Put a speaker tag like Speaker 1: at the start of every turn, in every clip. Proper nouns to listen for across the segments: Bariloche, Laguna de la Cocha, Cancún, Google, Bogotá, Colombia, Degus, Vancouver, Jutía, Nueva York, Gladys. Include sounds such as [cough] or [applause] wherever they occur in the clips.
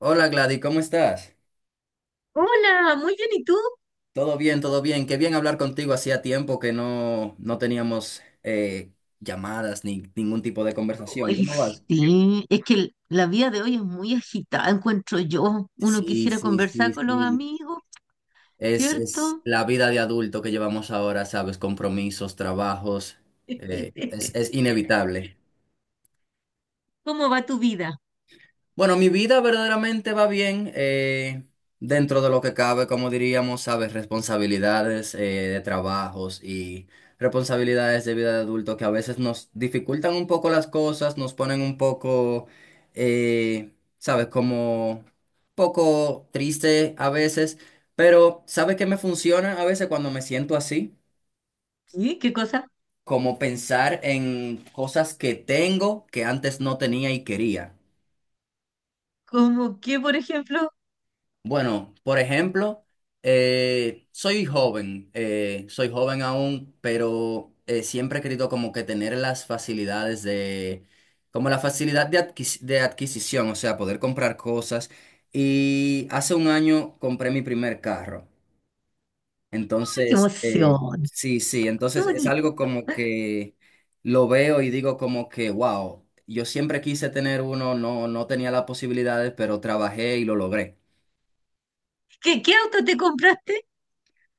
Speaker 1: Hola Gladys, ¿cómo estás?
Speaker 2: Hola, muy bien, ¿y tú?
Speaker 1: Todo bien, todo bien. Qué bien hablar contigo. Hacía tiempo que no teníamos llamadas ni ningún tipo de conversación.
Speaker 2: Ay,
Speaker 1: ¿Cómo vas?
Speaker 2: sí, es que la vida de hoy es muy agitada, encuentro yo. Uno
Speaker 1: Sí,
Speaker 2: quisiera
Speaker 1: sí, sí,
Speaker 2: conversar con los
Speaker 1: sí.
Speaker 2: amigos,
Speaker 1: Es
Speaker 2: ¿cierto?
Speaker 1: la vida de adulto que llevamos ahora, ¿sabes? Compromisos, trabajos. Es,
Speaker 2: [laughs]
Speaker 1: es inevitable.
Speaker 2: ¿Cómo va tu vida?
Speaker 1: Bueno, mi vida verdaderamente va bien dentro de lo que cabe, como diríamos, sabes, responsabilidades de trabajos y responsabilidades de vida de adulto que a veces nos dificultan un poco las cosas, nos ponen un poco, eh, sabes, como poco triste a veces, pero ¿sabes qué me funciona a veces cuando me siento así?
Speaker 2: ¿Sí? ¿Qué cosa?
Speaker 1: Como pensar en cosas que tengo que antes no tenía y quería.
Speaker 2: ¿Cómo qué, por ejemplo?
Speaker 1: Bueno, por ejemplo, soy joven aún, pero siempre he querido como que tener las facilidades de, como la facilidad de adquisición, o sea, poder comprar cosas. Y hace un año compré mi primer carro.
Speaker 2: ¡Ay, qué
Speaker 1: Entonces,
Speaker 2: emoción!
Speaker 1: sí, sí,
Speaker 2: ¡Qué
Speaker 1: entonces es algo
Speaker 2: bonito!
Speaker 1: como que lo veo y digo como que, wow, yo siempre quise tener uno, no tenía las posibilidades, pero trabajé y lo logré.
Speaker 2: ¿Qué auto te compraste?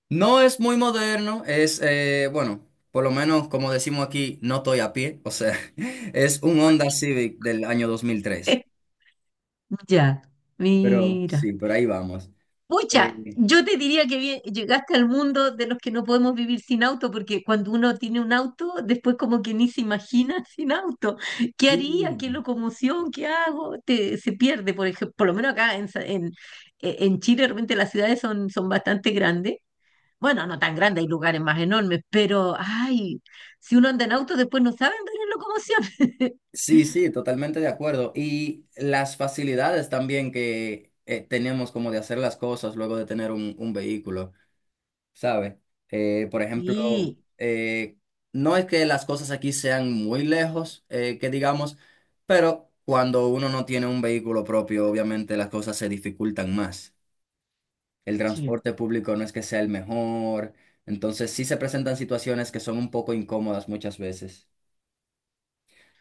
Speaker 1: No es muy moderno, bueno, por lo menos como decimos aquí, no estoy a pie, o sea, [laughs] es un Honda Civic del año 2003,
Speaker 2: [laughs] Ya,
Speaker 1: pero
Speaker 2: mira.
Speaker 1: sí, por ahí vamos.
Speaker 2: Pucha,
Speaker 1: Eh,
Speaker 2: yo te diría que llegaste al mundo de los que no podemos vivir sin auto, porque cuando uno tiene un auto, después como que ni se imagina [laughs] sin auto. ¿Qué
Speaker 1: sí,
Speaker 2: haría? ¿Qué locomoción? ¿Qué hago? Se pierde, por ejemplo, por lo menos acá en, Sa- en, e-, en Chile, de repente las ciudades son bastante grandes. Bueno, no tan grandes, hay lugares más enormes, pero ay, si uno anda en auto, después no sabe andar en locomoción.
Speaker 1: sí, sí, totalmente de acuerdo. Y las facilidades también que tenemos como de hacer las cosas luego de tener un vehículo. ¿Sabes? Por ejemplo,
Speaker 2: [laughs]
Speaker 1: eh, no es que las cosas aquí sean muy lejos, que digamos, pero cuando uno no tiene un vehículo propio, obviamente las cosas se dificultan más. El
Speaker 2: Sí,
Speaker 1: transporte público no es que sea el mejor, entonces sí se presentan situaciones que son un poco incómodas muchas veces.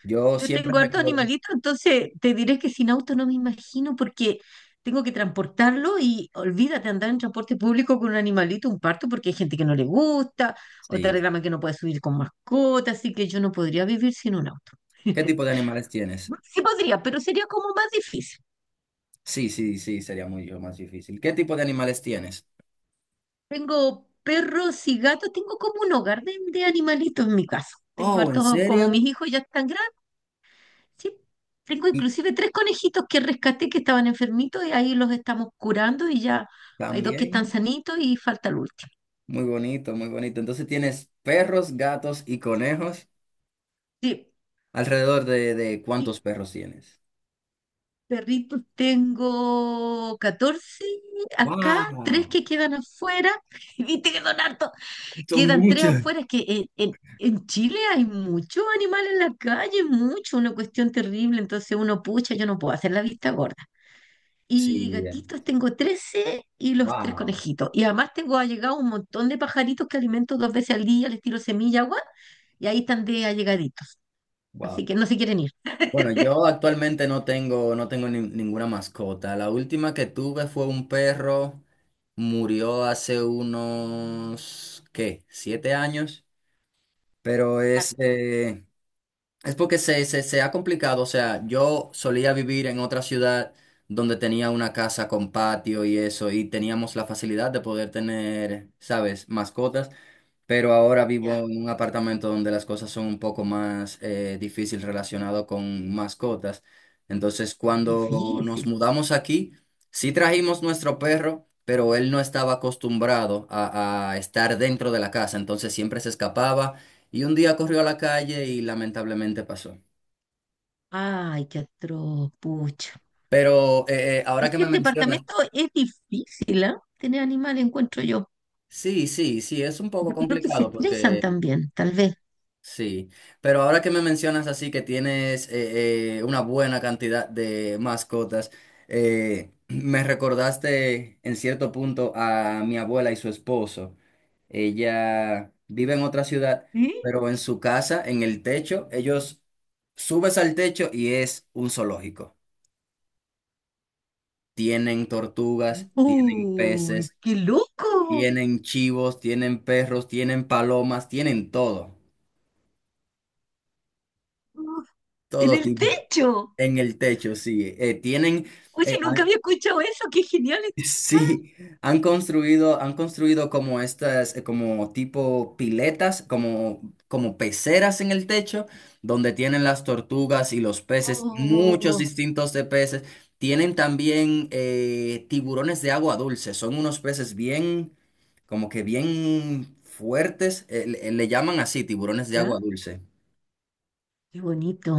Speaker 1: Yo
Speaker 2: yo
Speaker 1: siempre
Speaker 2: tengo hartos
Speaker 1: recuerdo,
Speaker 2: animalitos, entonces te diré que sin auto no me imagino porque tengo que transportarlo y olvídate andar en transporte público con un animalito, un parto, porque hay gente que no le gusta, o te
Speaker 1: sí,
Speaker 2: reclama que no puedes subir con mascota, así que yo no podría vivir sin un auto.
Speaker 1: ¿qué tipo de
Speaker 2: [laughs]
Speaker 1: animales tienes?
Speaker 2: Sí podría, pero sería como más difícil.
Speaker 1: Sí, sí, sí, sería mucho más difícil. ¿Qué tipo de animales tienes?
Speaker 2: Tengo perros y gatos, tengo como un hogar de animalitos en mi casa. Tengo
Speaker 1: Oh, ¿en
Speaker 2: hartos, como
Speaker 1: serio?
Speaker 2: mis hijos ya están grandes. Sí, tengo
Speaker 1: Y
Speaker 2: inclusive tres conejitos que rescaté que estaban enfermitos y ahí los estamos curando y ya hay dos que están
Speaker 1: también.
Speaker 2: sanitos y falta el último.
Speaker 1: Muy bonito, muy bonito. Entonces tienes perros, gatos y conejos.
Speaker 2: Sí,
Speaker 1: ¿Alrededor de
Speaker 2: y
Speaker 1: cuántos perros tienes?
Speaker 2: perritos tengo 14. Acá, tres
Speaker 1: ¡Wow!
Speaker 2: que quedan afuera. [laughs] Y viste que son hartos,
Speaker 1: Son
Speaker 2: quedan tres
Speaker 1: muchos.
Speaker 2: afuera. Es que en Chile hay muchos animales en la calle, mucho, una cuestión terrible. Entonces uno pucha, yo no puedo hacer la vista gorda.
Speaker 1: Sí,
Speaker 2: Y gatitos tengo 13 y los tres
Speaker 1: wow,
Speaker 2: conejitos. Y además tengo allegado un montón de pajaritos que alimento dos veces al día, les tiro semilla, agua, y ahí están de allegaditos.
Speaker 1: wow.
Speaker 2: Así que no se quieren ir.
Speaker 1: Bueno,
Speaker 2: [laughs]
Speaker 1: yo actualmente no tengo ninguna mascota. La última que tuve fue un perro, murió hace unos, ¿qué? 7 años, pero
Speaker 2: Harto.
Speaker 1: es porque se ha complicado, o sea, yo solía vivir en otra ciudad donde tenía una casa con patio y eso, y teníamos la facilidad de poder tener, ¿sabes?, mascotas, pero ahora vivo
Speaker 2: Ya.
Speaker 1: en un apartamento donde las cosas son un poco más difícil relacionado con mascotas. Entonces, cuando nos
Speaker 2: Difícil.
Speaker 1: mudamos aquí, sí trajimos nuestro perro, pero él no estaba acostumbrado a estar dentro de la casa, entonces siempre se escapaba y un día corrió a la calle y lamentablemente pasó.
Speaker 2: Ay, qué atroz, pucha.
Speaker 1: Pero ahora
Speaker 2: Es
Speaker 1: que
Speaker 2: que
Speaker 1: me
Speaker 2: en
Speaker 1: mencionas,
Speaker 2: departamento es difícil, ¿ah? Tener animales, encuentro yo.
Speaker 1: sí, sí, sí, es un poco
Speaker 2: Yo creo que se
Speaker 1: complicado
Speaker 2: estresan
Speaker 1: porque.
Speaker 2: también, tal vez.
Speaker 1: Sí, pero ahora que me mencionas así que tienes una buena cantidad de mascotas, me recordaste en cierto punto a mi abuela y su esposo. Ella vive en otra ciudad,
Speaker 2: ¿Sí?
Speaker 1: pero en su casa, en el techo, ellos subes al techo y es un zoológico. Tienen tortugas, tienen
Speaker 2: ¡Uy,
Speaker 1: peces,
Speaker 2: qué loco!
Speaker 1: tienen chivos, tienen perros, tienen palomas, tienen todo,
Speaker 2: ¡Uf! ¡En
Speaker 1: todo
Speaker 2: el
Speaker 1: tipo.
Speaker 2: techo!
Speaker 1: En el techo, sí.
Speaker 2: Oye,
Speaker 1: Eh,
Speaker 2: nunca
Speaker 1: han-
Speaker 2: había escuchado eso, qué genial.
Speaker 1: [laughs] sí, han construido como estas, como tipo piletas, como peceras en el techo, donde tienen las tortugas y los peces, muchos
Speaker 2: Oh,
Speaker 1: distintos de peces. Tienen también tiburones de agua dulce, son unos peces bien, como que bien fuertes, le llaman así, tiburones de agua
Speaker 2: ya,
Speaker 1: dulce.
Speaker 2: qué bonito.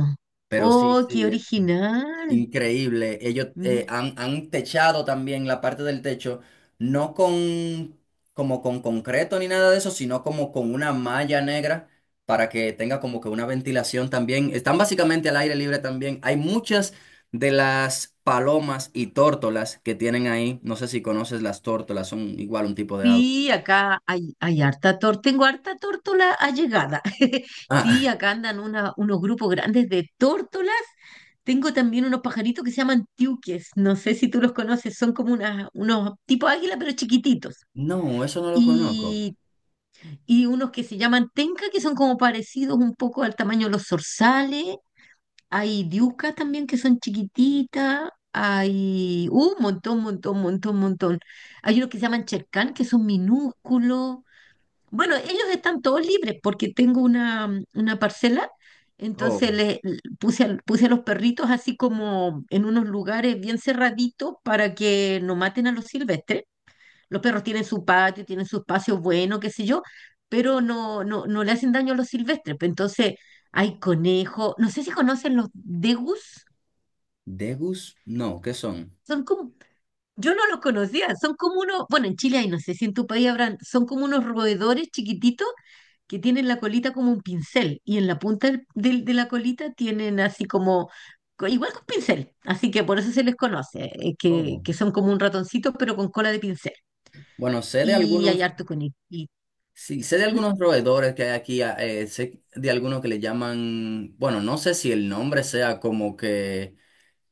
Speaker 1: Pero sí,
Speaker 2: Oh, qué
Speaker 1: sí.
Speaker 2: original.
Speaker 1: Increíble. Ellos
Speaker 2: Mira.
Speaker 1: han techado también la parte del techo, no con como con concreto ni nada de eso, sino como con una malla negra para que tenga como que una ventilación también. Están básicamente al aire libre también. Hay muchas de las palomas y tórtolas que tienen ahí. No sé si conoces las tórtolas, son igual un tipo de ave.
Speaker 2: Sí, acá hay harta torta. Tengo harta tórtola allegada. [laughs] Sí,
Speaker 1: Ah,
Speaker 2: acá andan unos grupos grandes de tórtolas. Tengo también unos pajaritos que se llaman tiuques. No sé si tú los conoces, son como unos tipo águila, pero chiquititos.
Speaker 1: [laughs] no, eso no lo conozco.
Speaker 2: Y, y unos que se llaman tenca, que son como parecidos un poco al tamaño de los zorzales. Hay diucas también que son chiquititas. Hay un montón, montón, montón, montón. Hay unos que se llaman Cherkán, que son minúsculos. Bueno, ellos están todos libres porque tengo una parcela. Entonces
Speaker 1: Oh,
Speaker 2: le l- puse a, puse a los perritos así como en unos lugares bien cerraditos para que no maten a los silvestres. Los perros tienen su patio, tienen su espacio bueno, qué sé yo, pero no, no, no le hacen daño a los silvestres. Pues entonces, hay conejos. No sé si conocen los degus.
Speaker 1: Degus, no, ¿qué son?
Speaker 2: Son como, yo no los conocía, son como unos, bueno, en Chile hay, no sé si en tu país habrán, son como unos roedores chiquititos que tienen la colita como un pincel y en la punta de la colita tienen así como, igual que un pincel, así que por eso se les conoce, que,
Speaker 1: Oh.
Speaker 2: que son como un ratoncito pero con cola de pincel.
Speaker 1: Bueno, sé de
Speaker 2: Y hay
Speaker 1: algunos.
Speaker 2: harto conejito.
Speaker 1: Sí, sé de
Speaker 2: ¿Mm?
Speaker 1: algunos roedores que hay aquí, sé de algunos que le llaman, bueno, no sé si el nombre sea como que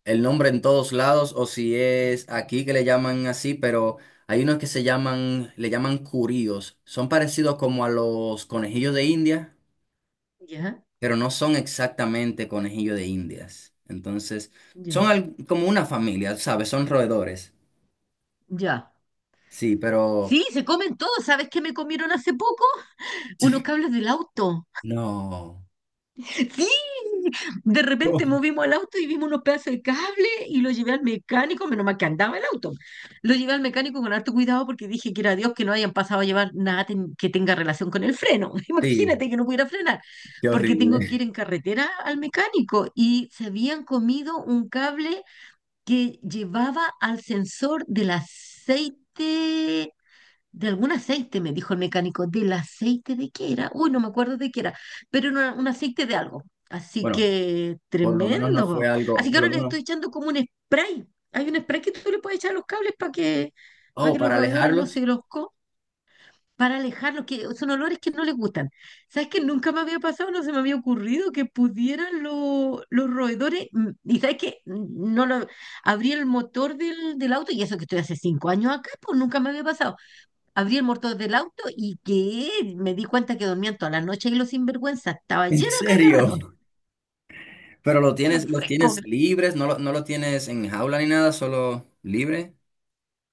Speaker 1: el nombre en todos lados o si es aquí que le llaman así, pero hay unos que le llaman curíos. Son parecidos como a los conejillos de India,
Speaker 2: ¿Ya?
Speaker 1: pero no son exactamente conejillos de Indias. Entonces, son
Speaker 2: Ya,
Speaker 1: como una familia, ¿sabes? Son roedores.
Speaker 2: ya.
Speaker 1: Sí, pero
Speaker 2: Sí, se comen todo. ¿Sabes qué me comieron hace poco? Unos cables del auto.
Speaker 1: no.
Speaker 2: Sí, de repente
Speaker 1: [laughs]
Speaker 2: movimos el auto y vimos unos pedazos de cable y lo llevé al mecánico, menos mal que andaba el auto. Lo llevé al mecánico con harto cuidado porque dije que era Dios que no hayan pasado a llevar nada que tenga relación con el freno. [laughs]
Speaker 1: Sí,
Speaker 2: Imagínate que no pudiera frenar,
Speaker 1: qué
Speaker 2: porque
Speaker 1: horrible.
Speaker 2: tengo que ir en
Speaker 1: [laughs]
Speaker 2: carretera al mecánico y se habían comido un cable que llevaba al sensor del aceite. De algún aceite, me dijo el mecánico. ¿Del aceite de qué era? Uy, no me acuerdo de qué era, pero era un aceite de algo. Así
Speaker 1: Bueno.
Speaker 2: que
Speaker 1: Por lo menos no fue
Speaker 2: tremendo.
Speaker 1: algo,
Speaker 2: Así que
Speaker 1: por lo
Speaker 2: ahora les
Speaker 1: menos,
Speaker 2: estoy echando como un spray. Hay un spray que tú le puedes echar a los cables para que, para
Speaker 1: oh,
Speaker 2: que los
Speaker 1: para
Speaker 2: roedores no se
Speaker 1: alejarlos.
Speaker 2: los para alejarlos, que son olores que no les gustan. ¿Sabes que nunca me había pasado, no se me había ocurrido que pudieran los roedores? Y sabes que no lo abrí el motor del auto, y eso que estoy hace 5 años acá, pues nunca me había pasado. Abrí el motor del auto y que me di cuenta que dormían toda la noche y los sinvergüenzas. Estaba
Speaker 1: [laughs] ¿En
Speaker 2: lleno de caca de ratón.
Speaker 1: serio?
Speaker 2: [laughs]
Speaker 1: Pero lo tienes,
Speaker 2: Los
Speaker 1: los
Speaker 2: frescos.
Speaker 1: tienes libres, no lo tienes en jaula ni nada, solo libre.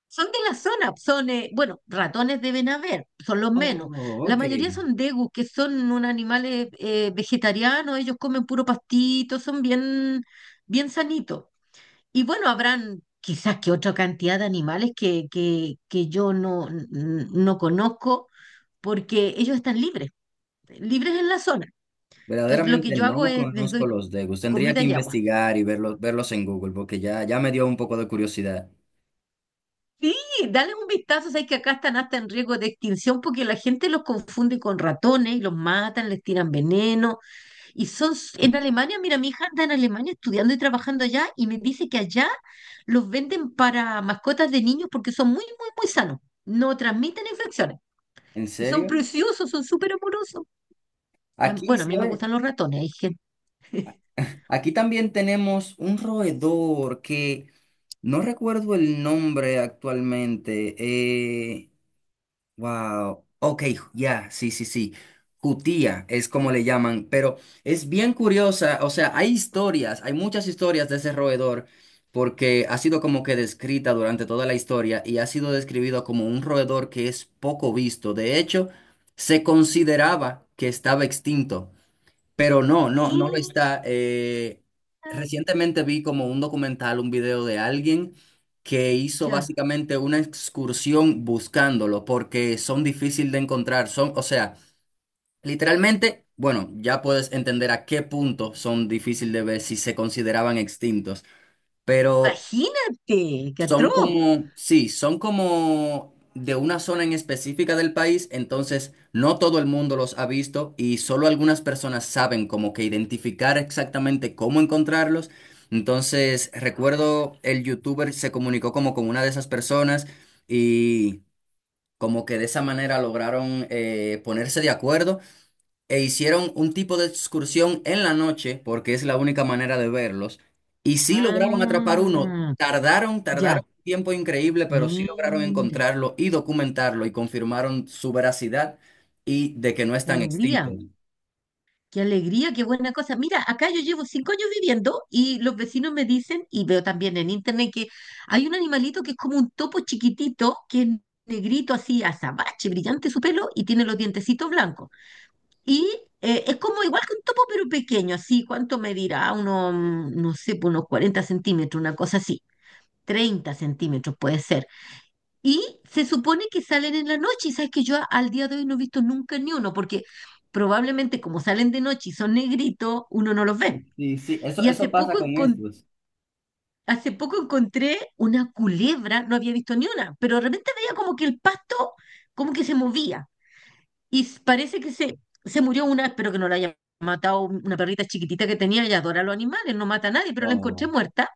Speaker 2: Son de la zona, son, bueno, ratones deben haber, son los menos.
Speaker 1: Oh,
Speaker 2: La
Speaker 1: ok.
Speaker 2: mayoría son degus, que son unos animales vegetarianos, ellos comen puro pastito, son bien, bien sanitos. Y bueno, habrán quizás que, otra cantidad de animales que yo no, no conozco, porque ellos están libres, libres en la zona. Entonces, lo que
Speaker 1: Verdaderamente
Speaker 2: yo
Speaker 1: no
Speaker 2: hago es, les doy
Speaker 1: conozco los Degus. Tendría
Speaker 2: comida
Speaker 1: que
Speaker 2: y agua.
Speaker 1: investigar y verlos, en Google, porque ya me dio un poco de curiosidad.
Speaker 2: Sí, dale un vistazo, sabes que acá están hasta en riesgo de extinción porque la gente los confunde con ratones y los matan, les tiran veneno. En Alemania, mira, mi hija anda en Alemania estudiando y trabajando allá y me dice que allá los venden para mascotas de niños porque son muy, muy, muy sanos. No transmiten infecciones.
Speaker 1: ¿En
Speaker 2: Y son
Speaker 1: serio?
Speaker 2: preciosos, son súper amorosos. Ah,
Speaker 1: Aquí,
Speaker 2: bueno, a mí me
Speaker 1: ¿sabe?
Speaker 2: gustan los ratones, hay gente. [laughs]
Speaker 1: Aquí también tenemos un roedor que no recuerdo el nombre actualmente. Wow, ok, ya, sí, sí, sí. Jutía es como le llaman, pero es bien curiosa, o sea, hay muchas historias de ese roedor, porque ha sido como que descrita durante toda la historia y ha sido describido como un roedor que es poco visto. De hecho, se consideraba que estaba extinto. Pero no lo
Speaker 2: Mira,
Speaker 1: está. Recientemente vi como un documental, un video de alguien que hizo
Speaker 2: ya.
Speaker 1: básicamente una excursión buscándolo porque son difíciles de encontrar. O sea, literalmente, bueno, ya puedes entender a qué punto son difíciles de ver si se consideraban extintos. Pero
Speaker 2: Imagínate, qué
Speaker 1: son
Speaker 2: atroz.
Speaker 1: como, sí, son como de una zona en específica del país, entonces no todo el mundo los ha visto y solo algunas personas saben como que identificar exactamente cómo encontrarlos. Entonces, recuerdo el youtuber se comunicó como con una de esas personas y como que de esa manera lograron ponerse de acuerdo e hicieron un tipo de excursión en la noche, porque es la única manera de verlos, y sí lograron atrapar uno.
Speaker 2: Ah,
Speaker 1: Tardaron,
Speaker 2: ya.
Speaker 1: tardaron un tiempo increíble, pero sí lograron
Speaker 2: Mira,
Speaker 1: encontrarlo y documentarlo y confirmaron su veracidad y de que no
Speaker 2: qué
Speaker 1: están extintos.
Speaker 2: alegría, qué alegría, qué buena cosa. Mira, acá yo llevo 5 años viviendo y los vecinos me dicen, y veo también en internet que hay un animalito que es como un topo chiquitito, que es negrito así, azabache, brillante su pelo y tiene los dientecitos blancos. Y es como igual que un topo, pero pequeño, así, ¿cuánto medirá? Uno, no sé, pues unos 40 centímetros, una cosa así, 30 centímetros puede ser. Y se supone que salen en la noche, y sabes que yo al día de hoy no he visto nunca ni uno, porque probablemente como salen de noche y son negritos, uno no los ve.
Speaker 1: Sí, sí, eso,
Speaker 2: Y hace
Speaker 1: eso pasa
Speaker 2: poco,
Speaker 1: con
Speaker 2: encon-
Speaker 1: estos.
Speaker 2: hace poco encontré una culebra, no había visto ni una, pero de repente veía como que el pasto como que se movía. Y parece que se murió una, espero que no la haya matado una perrita chiquitita que tenía, ella adora a los animales, no mata a nadie, pero la encontré
Speaker 1: Oh,
Speaker 2: muerta,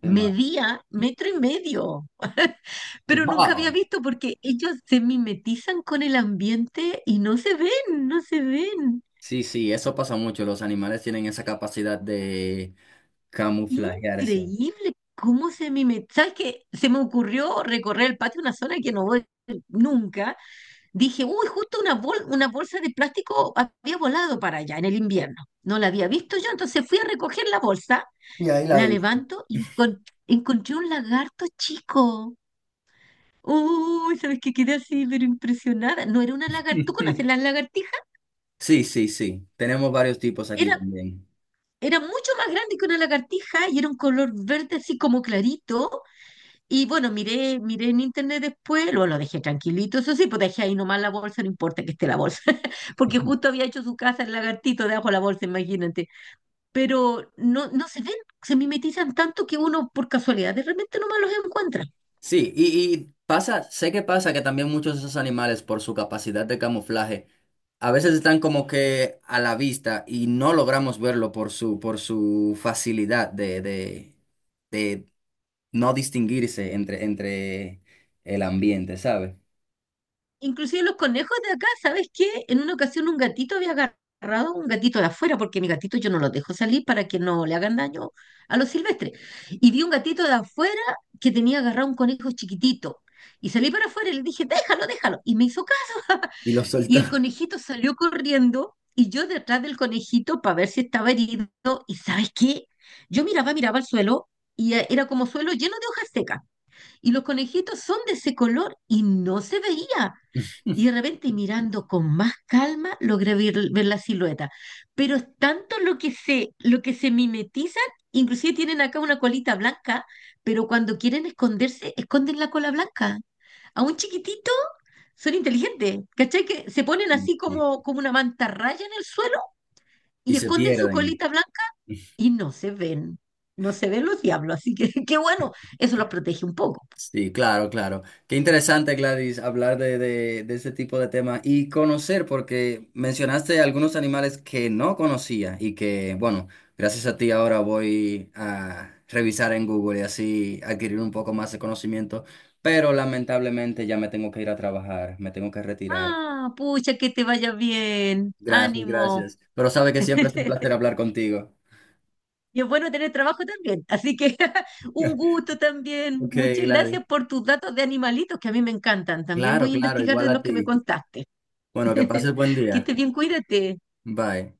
Speaker 1: qué mal.
Speaker 2: medía metro y medio. [laughs] Pero nunca había
Speaker 1: Wow.
Speaker 2: visto porque ellos se mimetizan con el ambiente y no se ven, no se ven.
Speaker 1: Sí, sí, eso pasa mucho. Los animales tienen esa capacidad de camuflajearse.
Speaker 2: Increíble cómo se mimetizan. ¿Sabes qué? Se me ocurrió recorrer el patio, una zona que no voy nunca. Dije, uy, justo una bolsa de plástico había volado para allá en el invierno. No la había visto yo, entonces fui a recoger la bolsa,
Speaker 1: Y ahí la
Speaker 2: la
Speaker 1: vi.
Speaker 2: levanto y encontré un lagarto chico. Uy, ¿sabes qué? Quedé así, pero impresionada. No era una lagartija. ¿Tú
Speaker 1: [laughs]
Speaker 2: conoces las lagartijas?
Speaker 1: Sí, sí, sí. Tenemos varios tipos aquí
Speaker 2: Era
Speaker 1: también.
Speaker 2: Era mucho más grande que una lagartija y era un color verde así como clarito. Y bueno, miré en internet después, luego lo dejé tranquilito, eso sí, pues dejé ahí nomás la bolsa, no importa que esté la bolsa, [laughs] porque
Speaker 1: [laughs]
Speaker 2: justo había hecho su casa el lagartito debajo de la bolsa, imagínate. Pero no, no se ven, se mimetizan tanto que uno por casualidad de repente nomás los encuentra.
Speaker 1: Sí, y pasa, sé que pasa que también muchos de esos animales, por su capacidad de camuflaje, a veces están como que a la vista y no logramos verlo por su facilidad de no distinguirse entre el ambiente, ¿sabes?
Speaker 2: Inclusive los conejos de acá, ¿sabes qué? En una ocasión un gatito había agarrado un gatito de afuera, porque mi gatito yo no los dejo salir para que no le hagan daño a los silvestres. Y vi un gatito de afuera que tenía agarrado un conejo chiquitito. Y salí para afuera y le dije, déjalo, déjalo. Y me hizo caso. [laughs]
Speaker 1: Y los
Speaker 2: Y el
Speaker 1: soltamos
Speaker 2: conejito salió corriendo y yo detrás del conejito para ver si estaba herido. ¿Y sabes qué? Yo miraba, miraba al suelo y era como suelo lleno de hojas secas. Y los conejitos son de ese color y no se veía. Y de repente mirando con más calma logré ver, ver la silueta. Pero es tanto lo que se mimetizan, inclusive tienen acá una colita blanca, pero cuando quieren esconderse, esconden la cola blanca. A un chiquitito son inteligentes, ¿cachai? Que se ponen
Speaker 1: [laughs]
Speaker 2: así
Speaker 1: y
Speaker 2: como una mantarraya en el suelo
Speaker 1: y
Speaker 2: y
Speaker 1: se
Speaker 2: esconden su
Speaker 1: pierden.
Speaker 2: colita blanca y no se ven. No se ven los diablos, así que [laughs] qué bueno, eso los protege un poco.
Speaker 1: Sí, claro, claro. Qué interesante, Gladys, hablar de este tipo de temas y conocer, porque mencionaste algunos animales que no conocía y que, bueno, gracias a ti ahora voy a revisar en Google y así adquirir un poco más de conocimiento, pero lamentablemente ya me tengo que ir a trabajar, me tengo que retirar.
Speaker 2: Ah, pucha, que te vaya bien,
Speaker 1: Gracias,
Speaker 2: ánimo.
Speaker 1: gracias. Pero sabe que siempre es un placer
Speaker 2: [laughs]
Speaker 1: hablar contigo.
Speaker 2: Y es bueno tener trabajo también. Así que [laughs] un
Speaker 1: [laughs]
Speaker 2: gusto también.
Speaker 1: Ok,
Speaker 2: Muchas
Speaker 1: Gladys.
Speaker 2: gracias por tus datos de animalitos que a mí me encantan. También
Speaker 1: Claro,
Speaker 2: voy a
Speaker 1: claro,
Speaker 2: investigar
Speaker 1: igual
Speaker 2: de
Speaker 1: a
Speaker 2: los que me
Speaker 1: ti.
Speaker 2: contaste.
Speaker 1: Bueno, que pases
Speaker 2: [laughs]
Speaker 1: buen
Speaker 2: Que
Speaker 1: día.
Speaker 2: estés bien, cuídate.
Speaker 1: Bye.